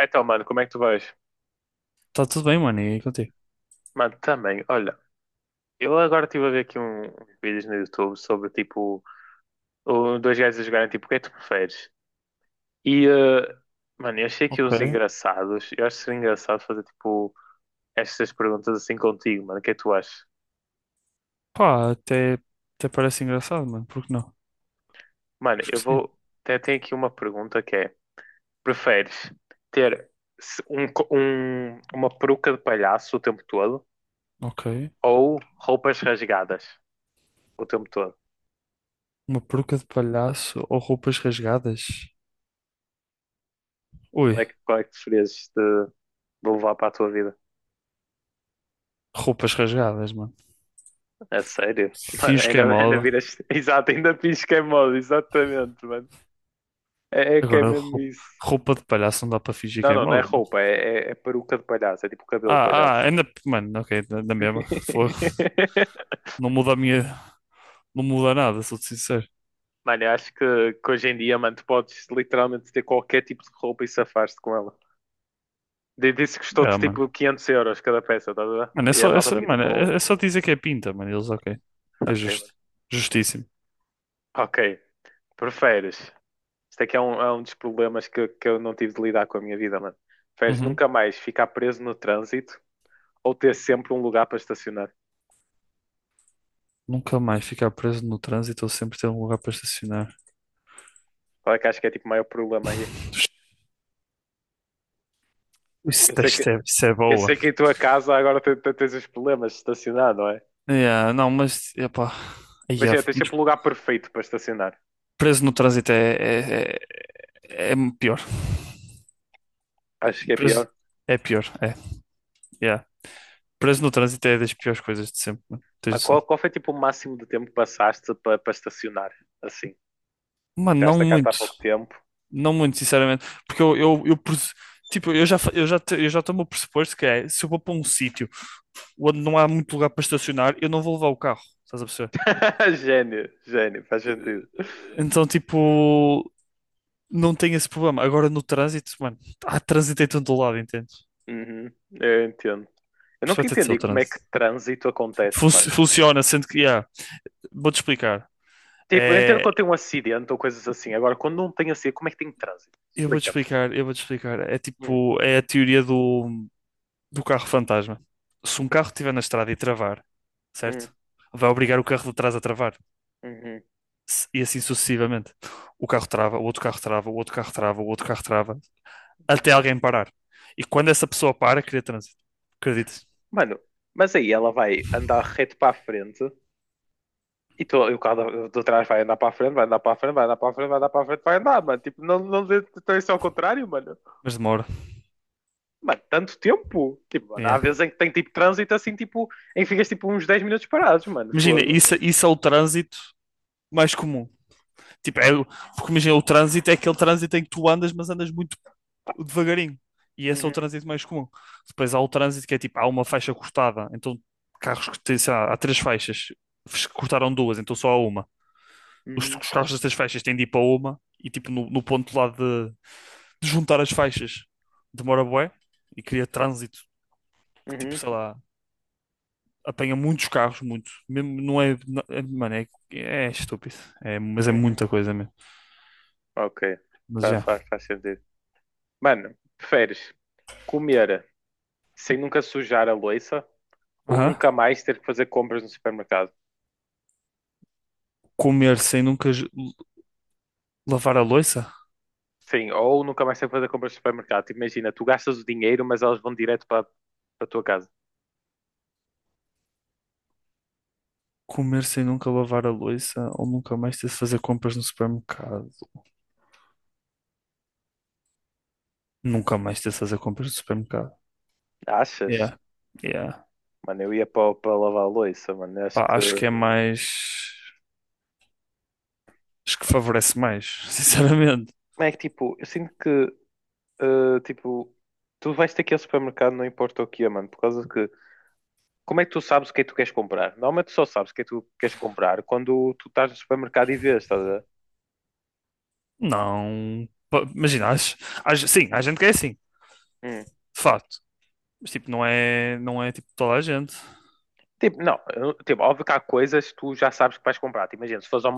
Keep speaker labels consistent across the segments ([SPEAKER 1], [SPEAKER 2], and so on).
[SPEAKER 1] Então, mano, como é que tu vais?
[SPEAKER 2] Tá tudo bem, mano, e contigo?
[SPEAKER 1] Mano, também, olha, eu agora estive a ver aqui uns vídeos no YouTube sobre tipo dois gajos a jogarem tipo o que é que tu preferes? E eh, mano, eu achei aqui uns
[SPEAKER 2] Ok.
[SPEAKER 1] engraçados. Eu acho que seria engraçado fazer tipo estas perguntas assim contigo, mano. O que é que tu achas?
[SPEAKER 2] Pá, até parece engraçado, mano, por que não?
[SPEAKER 1] Mano,
[SPEAKER 2] Acho que
[SPEAKER 1] eu
[SPEAKER 2] sim.
[SPEAKER 1] vou. Até tenho aqui uma pergunta que é: preferes ter uma peruca de palhaço o tempo todo
[SPEAKER 2] Ok.
[SPEAKER 1] ou roupas rasgadas o tempo todo?
[SPEAKER 2] Uma peruca de palhaço ou roupas rasgadas?
[SPEAKER 1] Como
[SPEAKER 2] Ui,
[SPEAKER 1] é que, qual é que preferias de levar para a tua vida?
[SPEAKER 2] roupas rasgadas, mano.
[SPEAKER 1] É sério? Mano,
[SPEAKER 2] Finge que é
[SPEAKER 1] ainda
[SPEAKER 2] moda.
[SPEAKER 1] viras. Exato, ainda finges que é moda, exatamente, mano. É, que é
[SPEAKER 2] Agora,
[SPEAKER 1] mesmo isso.
[SPEAKER 2] roupa de palhaço não dá para fingir que
[SPEAKER 1] Não,
[SPEAKER 2] é
[SPEAKER 1] não, não é
[SPEAKER 2] moda.
[SPEAKER 1] roupa, é peruca de palhaço, é tipo cabelo de
[SPEAKER 2] Ah, ah,
[SPEAKER 1] palhaço.
[SPEAKER 2] ainda, mano, ok, da na mesma. Fogo. Não muda a minha, não muda nada, sou-te sincero.
[SPEAKER 1] Mano, eu acho que hoje em dia, mano, tu podes literalmente ter qualquer tipo de roupa e safar-te com ela. Disse que custou-te
[SPEAKER 2] Ah, mano.
[SPEAKER 1] tipo 500 euros cada peça, estás a ver?
[SPEAKER 2] Mano,
[SPEAKER 1] E a malta fica
[SPEAKER 2] mano,
[SPEAKER 1] tipo, oh,
[SPEAKER 2] é só dizer que é pinta, mano, eles, ok. É
[SPEAKER 1] ok,
[SPEAKER 2] justo.
[SPEAKER 1] mano.
[SPEAKER 2] Justíssimo.
[SPEAKER 1] Ok, preferes. Isto é que é é um dos problemas que eu não tive de lidar com a minha vida, mano. Preferes
[SPEAKER 2] Uhum.
[SPEAKER 1] nunca mais ficar preso no trânsito ou ter sempre um lugar para estacionar.
[SPEAKER 2] Nunca mais ficar preso no trânsito ou sempre ter um lugar para estacionar.
[SPEAKER 1] Qual é que acho que é tipo o maior problema aí? Eu sei que,
[SPEAKER 2] Isso é
[SPEAKER 1] eu
[SPEAKER 2] boa.
[SPEAKER 1] sei que em tua casa agora tens os problemas de estacionar, não é?
[SPEAKER 2] Yeah, não, mas epá, yeah,
[SPEAKER 1] Imagina, tens sempre o lugar perfeito para estacionar.
[SPEAKER 2] preso no trânsito é pior.
[SPEAKER 1] Acho que é
[SPEAKER 2] Preso
[SPEAKER 1] pior.
[SPEAKER 2] é pior, é. Yeah. Preso no trânsito é das piores coisas de sempre, mano. Tens
[SPEAKER 1] Mas
[SPEAKER 2] noção.
[SPEAKER 1] qual foi tipo o máximo de tempo que passaste para estacionar? Assim,
[SPEAKER 2] Mano, não
[SPEAKER 1] tiraste a carta há
[SPEAKER 2] muito.
[SPEAKER 1] pouco tempo.
[SPEAKER 2] Não muito, sinceramente. Porque tipo, eu já, fa- eu já, te- eu já tomo o pressuposto que é, se eu vou para um sítio onde não há muito lugar para estacionar, eu não vou levar o carro. Estás a perceber?
[SPEAKER 1] Gênio, gênio, faz sentido.
[SPEAKER 2] Então, tipo, não tem esse problema. Agora no trânsito, mano, há trânsito em todo lado, entende?
[SPEAKER 1] Uhum, eu entendo. Eu
[SPEAKER 2] Por isso vai
[SPEAKER 1] nunca
[SPEAKER 2] ter de ser o
[SPEAKER 1] entendi como é que
[SPEAKER 2] trânsito.
[SPEAKER 1] trânsito acontece, mano.
[SPEAKER 2] Funciona, sendo que, yeah, vou-te explicar.
[SPEAKER 1] Tipo, eu entendo
[SPEAKER 2] É,
[SPEAKER 1] quando tem um acidente ou coisas assim. Agora, quando não tem acidente, como é que tem trânsito? Explica-me.
[SPEAKER 2] eu vou-te explicar. É
[SPEAKER 1] Hum,
[SPEAKER 2] tipo, é a teoria do carro fantasma. Se um carro estiver na estrada e travar,
[SPEAKER 1] hum.
[SPEAKER 2] certo? Vai obrigar o carro de trás a travar.
[SPEAKER 1] Uhum.
[SPEAKER 2] E assim sucessivamente. O carro trava, o outro carro trava, o outro carro trava, o outro carro trava, até alguém parar. E quando essa pessoa para, cria trânsito. Acreditas?
[SPEAKER 1] Mano, mas aí ela vai andar reto para a frente e, e o carro de trás vai andar para a frente, vai andar para a frente, vai andar para a frente, vai andar para a frente, vai andar, mano. Tipo, não, não dê então isso é ao contrário, mano.
[SPEAKER 2] Mas demora.
[SPEAKER 1] Mano, tanto tempo. Tipo, mano, há
[SPEAKER 2] É.
[SPEAKER 1] vezes em que tem tipo trânsito assim, tipo, em que ficas tipo uns 10 minutos parados, mano.
[SPEAKER 2] Imagina,
[SPEAKER 1] Fogo.
[SPEAKER 2] isso é o trânsito mais comum. Tipo, é, porque imagina, o trânsito é aquele trânsito em que tu andas, mas andas muito devagarinho. E esse é o
[SPEAKER 1] Uhum,
[SPEAKER 2] trânsito mais comum. Depois há o trânsito que é tipo, há uma faixa cortada. Então, carros que têm, sei lá, há três faixas, cortaram duas, então só há uma.
[SPEAKER 1] uhum,
[SPEAKER 2] Os carros das três faixas têm de ir para uma e tipo, no ponto lá de juntar as faixas demora bué e cria trânsito que tipo,
[SPEAKER 1] uhum,
[SPEAKER 2] sei lá, apanha muitos carros, muito. Mesmo, mano, é estúpido. É, mas é
[SPEAKER 1] uhum.
[SPEAKER 2] muita coisa mesmo.
[SPEAKER 1] Ok,
[SPEAKER 2] Mas já.
[SPEAKER 1] faz sentido. Mano, preferes comer sem nunca sujar a louça ou
[SPEAKER 2] Aham.
[SPEAKER 1] nunca mais ter que fazer compras no supermercado?
[SPEAKER 2] Comer sem nunca lavar a louça?
[SPEAKER 1] Sim, ou nunca mais tem que fazer compras de supermercado. Tipo, Imagina, tu gastas o dinheiro, mas elas vão direto para a tua casa.
[SPEAKER 2] Comer sem nunca lavar a louça ou nunca mais ter de fazer compras no supermercado? Nunca mais ter de fazer compras no supermercado.
[SPEAKER 1] Achas?
[SPEAKER 2] Yeah. Yeah.
[SPEAKER 1] Mano, eu ia para lavar a louça, mano. Eu acho
[SPEAKER 2] Pá,
[SPEAKER 1] que.
[SPEAKER 2] acho que é mais. Acho que favorece mais, sinceramente.
[SPEAKER 1] Como é que tipo, eu sinto que eh, tipo, tu vais ter que ir ao supermercado, não importa o que é, mano, por causa que. Como é que tu sabes o que é que tu queres comprar? Normalmente tu só sabes o que é que tu queres comprar quando tu estás no supermercado e vês, estás a ver?
[SPEAKER 2] Não. Pá, imagina, sim, há gente que é assim, de
[SPEAKER 1] Hum.
[SPEAKER 2] facto. Mas tipo, não é tipo toda a gente.
[SPEAKER 1] Tipo, não, tipo, óbvio que há coisas que tu já sabes que vais comprar. Tipo, Imagina, se fores ao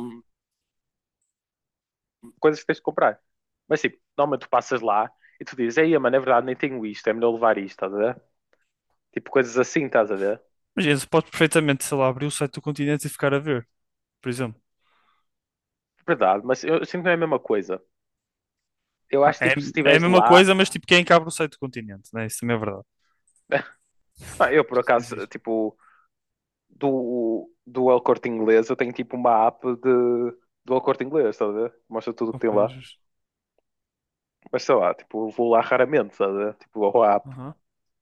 [SPEAKER 1] coisas que tens de comprar. Mas tipo, normalmente tu passas lá e tu dizes, ei, mano, é verdade, nem tenho isto, é melhor levar isto, estás a ver? Tipo, coisas assim, estás a ver?
[SPEAKER 2] Imagina, se podes perfeitamente, sei lá, abrir o site do Continente e ficar a ver, por exemplo.
[SPEAKER 1] Verdade, mas eu sinto que não é a mesma coisa. Eu
[SPEAKER 2] Ah,
[SPEAKER 1] acho
[SPEAKER 2] é,
[SPEAKER 1] tipo, se
[SPEAKER 2] é a
[SPEAKER 1] estiveres
[SPEAKER 2] mesma
[SPEAKER 1] lá.
[SPEAKER 2] coisa, mas tipo, quem é que abre o site do Continente, né? Isso também é verdade.
[SPEAKER 1] Ah, eu por
[SPEAKER 2] Isso
[SPEAKER 1] acaso,
[SPEAKER 2] existe.
[SPEAKER 1] tipo, do El Corte Inglês, eu tenho tipo uma app do El Corte Inglês, estás a ver? Mostra tudo o que tem
[SPEAKER 2] Ok,
[SPEAKER 1] lá.
[SPEAKER 2] justo.
[SPEAKER 1] Mas sei lá, tipo, eu vou lá raramente, estás a ver? Tipo, a app,
[SPEAKER 2] Aham,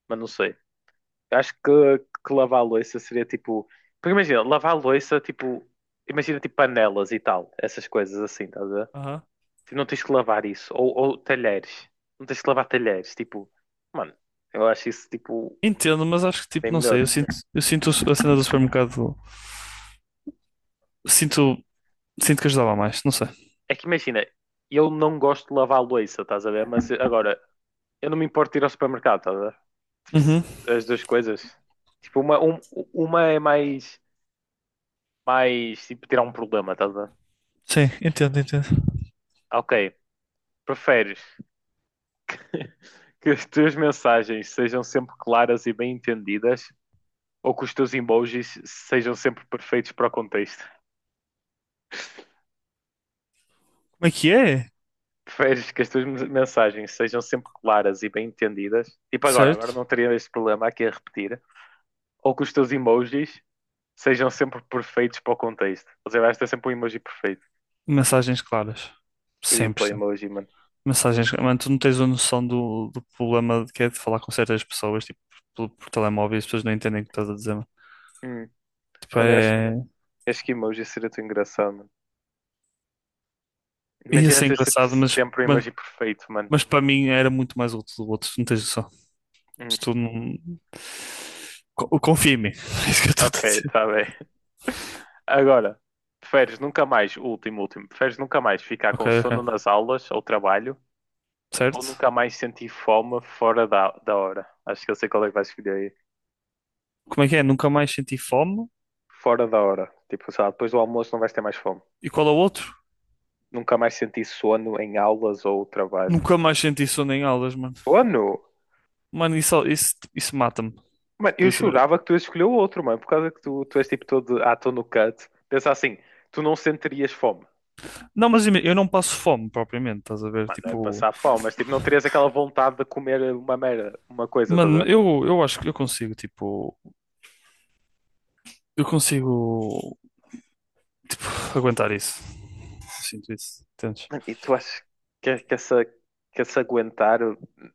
[SPEAKER 1] mas não sei. Eu acho que lavar a louça seria tipo. Porque imagina, lavar a louça, tipo. Imagina tipo panelas e tal, essas coisas assim, estás a ver?
[SPEAKER 2] aham.
[SPEAKER 1] Tipo, não tens que lavar isso. Ou talheres. Não tens que lavar talheres. Tipo, mano, eu acho isso tipo
[SPEAKER 2] Entendo, mas acho que tipo,
[SPEAKER 1] bem
[SPEAKER 2] não sei,
[SPEAKER 1] melhor.
[SPEAKER 2] eu sinto a cena do supermercado. Sinto, sinto que ajudava mais, não sei.
[SPEAKER 1] É que imagina, eu não gosto de lavar a louça, estás a ver? Mas agora, eu não me importo de ir ao supermercado, estás a ver? Tipo,
[SPEAKER 2] Uhum.
[SPEAKER 1] as duas coisas. Tipo, uma é mais tipo tirar um problema, estás a ver?
[SPEAKER 2] Sim, entendo, entendo.
[SPEAKER 1] Ah, ok, preferes que as tuas mensagens sejam sempre claras e bem entendidas ou que os teus emojis sejam sempre perfeitos para o contexto?
[SPEAKER 2] Como é que é?
[SPEAKER 1] Preferes que as tuas mensagens sejam sempre claras e bem entendidas? Tipo agora, agora
[SPEAKER 2] Certo?
[SPEAKER 1] não teria este problema aqui a repetir. Ou que os teus emojis sejam sempre perfeitos para o contexto. Ou seja, vais ter sempre um emoji perfeito.
[SPEAKER 2] Mensagens claras.
[SPEAKER 1] Eu ia para o
[SPEAKER 2] 100%.
[SPEAKER 1] emoji, mano.
[SPEAKER 2] Mensagens, claras. Mano, tu não tens a noção do problema que é de falar com certas pessoas, tipo, por telemóvel e as pessoas não entendem o que estás a dizer.
[SPEAKER 1] Hum.
[SPEAKER 2] Pá,
[SPEAKER 1] Mano,
[SPEAKER 2] é-
[SPEAKER 1] acho que emoji seria tão engraçado, mano.
[SPEAKER 2] Ia
[SPEAKER 1] Imagina
[SPEAKER 2] ser
[SPEAKER 1] ter
[SPEAKER 2] engraçado,
[SPEAKER 1] sempre um emoji perfeito, mano.
[SPEAKER 2] mas para mim era muito mais útil do outro, não tens noção.
[SPEAKER 1] Hum.
[SPEAKER 2] Se tu não... Confia em mim, é isso que eu estou
[SPEAKER 1] Ok,
[SPEAKER 2] a dizer.
[SPEAKER 1] está bem. Agora, preferes nunca mais, último, último, preferes nunca mais ficar
[SPEAKER 2] Ok,
[SPEAKER 1] com sono
[SPEAKER 2] ok,
[SPEAKER 1] nas aulas ou trabalho ou
[SPEAKER 2] certo.
[SPEAKER 1] nunca mais sentir fome fora da hora? Acho que eu sei qual é que vais escolher aí.
[SPEAKER 2] Como é que é? Nunca mais senti fome?
[SPEAKER 1] Fora da hora. Tipo, sei lá, depois do almoço não vais ter mais fome.
[SPEAKER 2] E qual é o outro?
[SPEAKER 1] Nunca mais sentir sono em aulas ou trabalho.
[SPEAKER 2] Nunca mais senti sono em aulas, mano.
[SPEAKER 1] Sono?
[SPEAKER 2] Mano, isso mata-me.
[SPEAKER 1] Mano,
[SPEAKER 2] Tipo,
[SPEAKER 1] eu
[SPEAKER 2] isso...
[SPEAKER 1] jurava que tu ias escolher o outro, mano, por causa que tu és tipo todo, ah, estou no cut. Pensa assim, tu não sentirias fome.
[SPEAKER 2] Não, mas eu não passo fome propriamente, estás a ver?
[SPEAKER 1] Mano, não é
[SPEAKER 2] Tipo,
[SPEAKER 1] passar fome, mas tipo, não terias aquela vontade de comer uma merda, uma coisa,
[SPEAKER 2] mano,
[SPEAKER 1] toda
[SPEAKER 2] eu acho que eu consigo, tipo, aguentar isso. Sinto isso, entendes?
[SPEAKER 1] mano, e tu achas que essa aguentar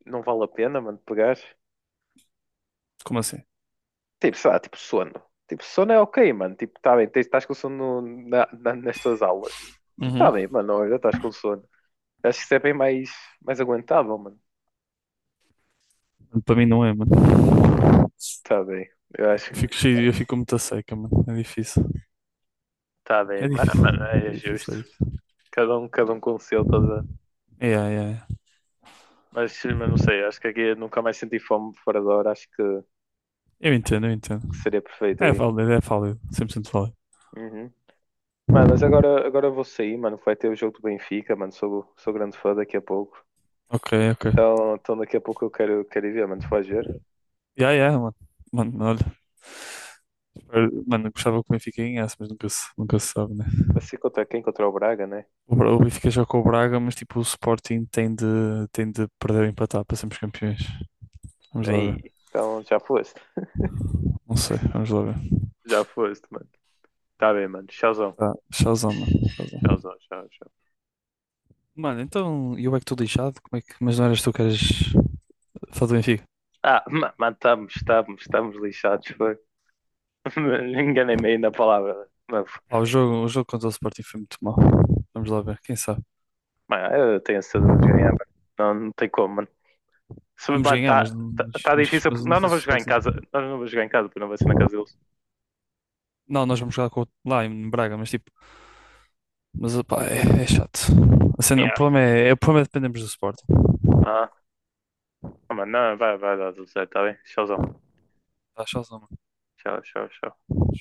[SPEAKER 1] não vale a pena, mano, pegar?
[SPEAKER 2] Como assim?
[SPEAKER 1] Tipo, sei lá, tipo sono. Tipo, sono é ok, mano. Tipo, tá bem, estás com sono nas tuas aulas. Tipo, tá
[SPEAKER 2] Uhum.
[SPEAKER 1] bem, mano, olha, estás com sono. Acho que isso é bem mais aguentável, mano.
[SPEAKER 2] Para mim não é, mano.
[SPEAKER 1] Tá bem, eu acho
[SPEAKER 2] Eu fico
[SPEAKER 1] que
[SPEAKER 2] cheio, eu fico muito a seca, mano. É difícil.
[SPEAKER 1] tá bem,
[SPEAKER 2] É
[SPEAKER 1] mas,
[SPEAKER 2] difícil.
[SPEAKER 1] mano, é justo.
[SPEAKER 2] É difícil.
[SPEAKER 1] Cada um com o seu, tá a
[SPEAKER 2] Yeah, yeah, yeah.
[SPEAKER 1] mas não sei, acho que aqui eu nunca mais senti fome fora da hora, acho que.
[SPEAKER 2] Eu entendo, eu entendo.
[SPEAKER 1] Que seria perfeito
[SPEAKER 2] É
[SPEAKER 1] aí.
[SPEAKER 2] válido, é válido. 100% válido.
[SPEAKER 1] Uhum. Mano, mas agora eu vou sair, mano. Vai ter o jogo do Benfica, mano. Sou grande fã daqui a pouco.
[SPEAKER 2] Ok, ok.
[SPEAKER 1] Então daqui a pouco eu quero ir ver, mano. Se faz ver.
[SPEAKER 2] Yeah, yeah, mano. Mano, olha. Mano, eu gostava que o Benfica ganhasse, mas nunca se sabe, né?
[SPEAKER 1] Assim contra quem? Contra o Braga, né?
[SPEAKER 2] O Benfica joga com o Braga, mas tipo, o Sporting tem de perder ou empatar para sermos campeões. Vamos lá ver.
[SPEAKER 1] Aí, então já foste.
[SPEAKER 2] Não sei, vamos lá ver.
[SPEAKER 1] Já foste, mano. Tá bem, mano. Tchauzão.
[SPEAKER 2] Tá, tchauzão, mano. Tchauzão.
[SPEAKER 1] Tchauzão, tchau, tchau.
[SPEAKER 2] Mano, então, e eu é que estou lixado? Como é que... Mas não eras tu que eras fã do Benfica?
[SPEAKER 1] Ah, mano, estamos lixados, foi. Enganei-me aí na palavra. Mas,
[SPEAKER 2] Ah, o jogo contra o Sporting foi muito mau. Vamos lá ver, quem sabe.
[SPEAKER 1] mano, eu tenho certeza de ganhar, mano. Não, não tem como, se,
[SPEAKER 2] Podemos
[SPEAKER 1] mano,
[SPEAKER 2] ganhar, mas,
[SPEAKER 1] tá difícil.
[SPEAKER 2] mas eu
[SPEAKER 1] Porque
[SPEAKER 2] não
[SPEAKER 1] nós não
[SPEAKER 2] sei se o
[SPEAKER 1] vamos jogar em
[SPEAKER 2] Sporting.
[SPEAKER 1] casa. Nós não vamos jogar em casa, porque não vai ser na casa deles.
[SPEAKER 2] Não, nós vamos jogar com lá em Braga, mas tipo. Mas opá, é, é chato. O
[SPEAKER 1] Yeah.
[SPEAKER 2] problema o problema é dependemos do Sporting.
[SPEAKER 1] Ah, mano, não, vai dar tudo certo, tá bem? Tchauzão.
[SPEAKER 2] Tá chato, não,
[SPEAKER 1] Tchau, tchau, tchau.
[SPEAKER 2] mano?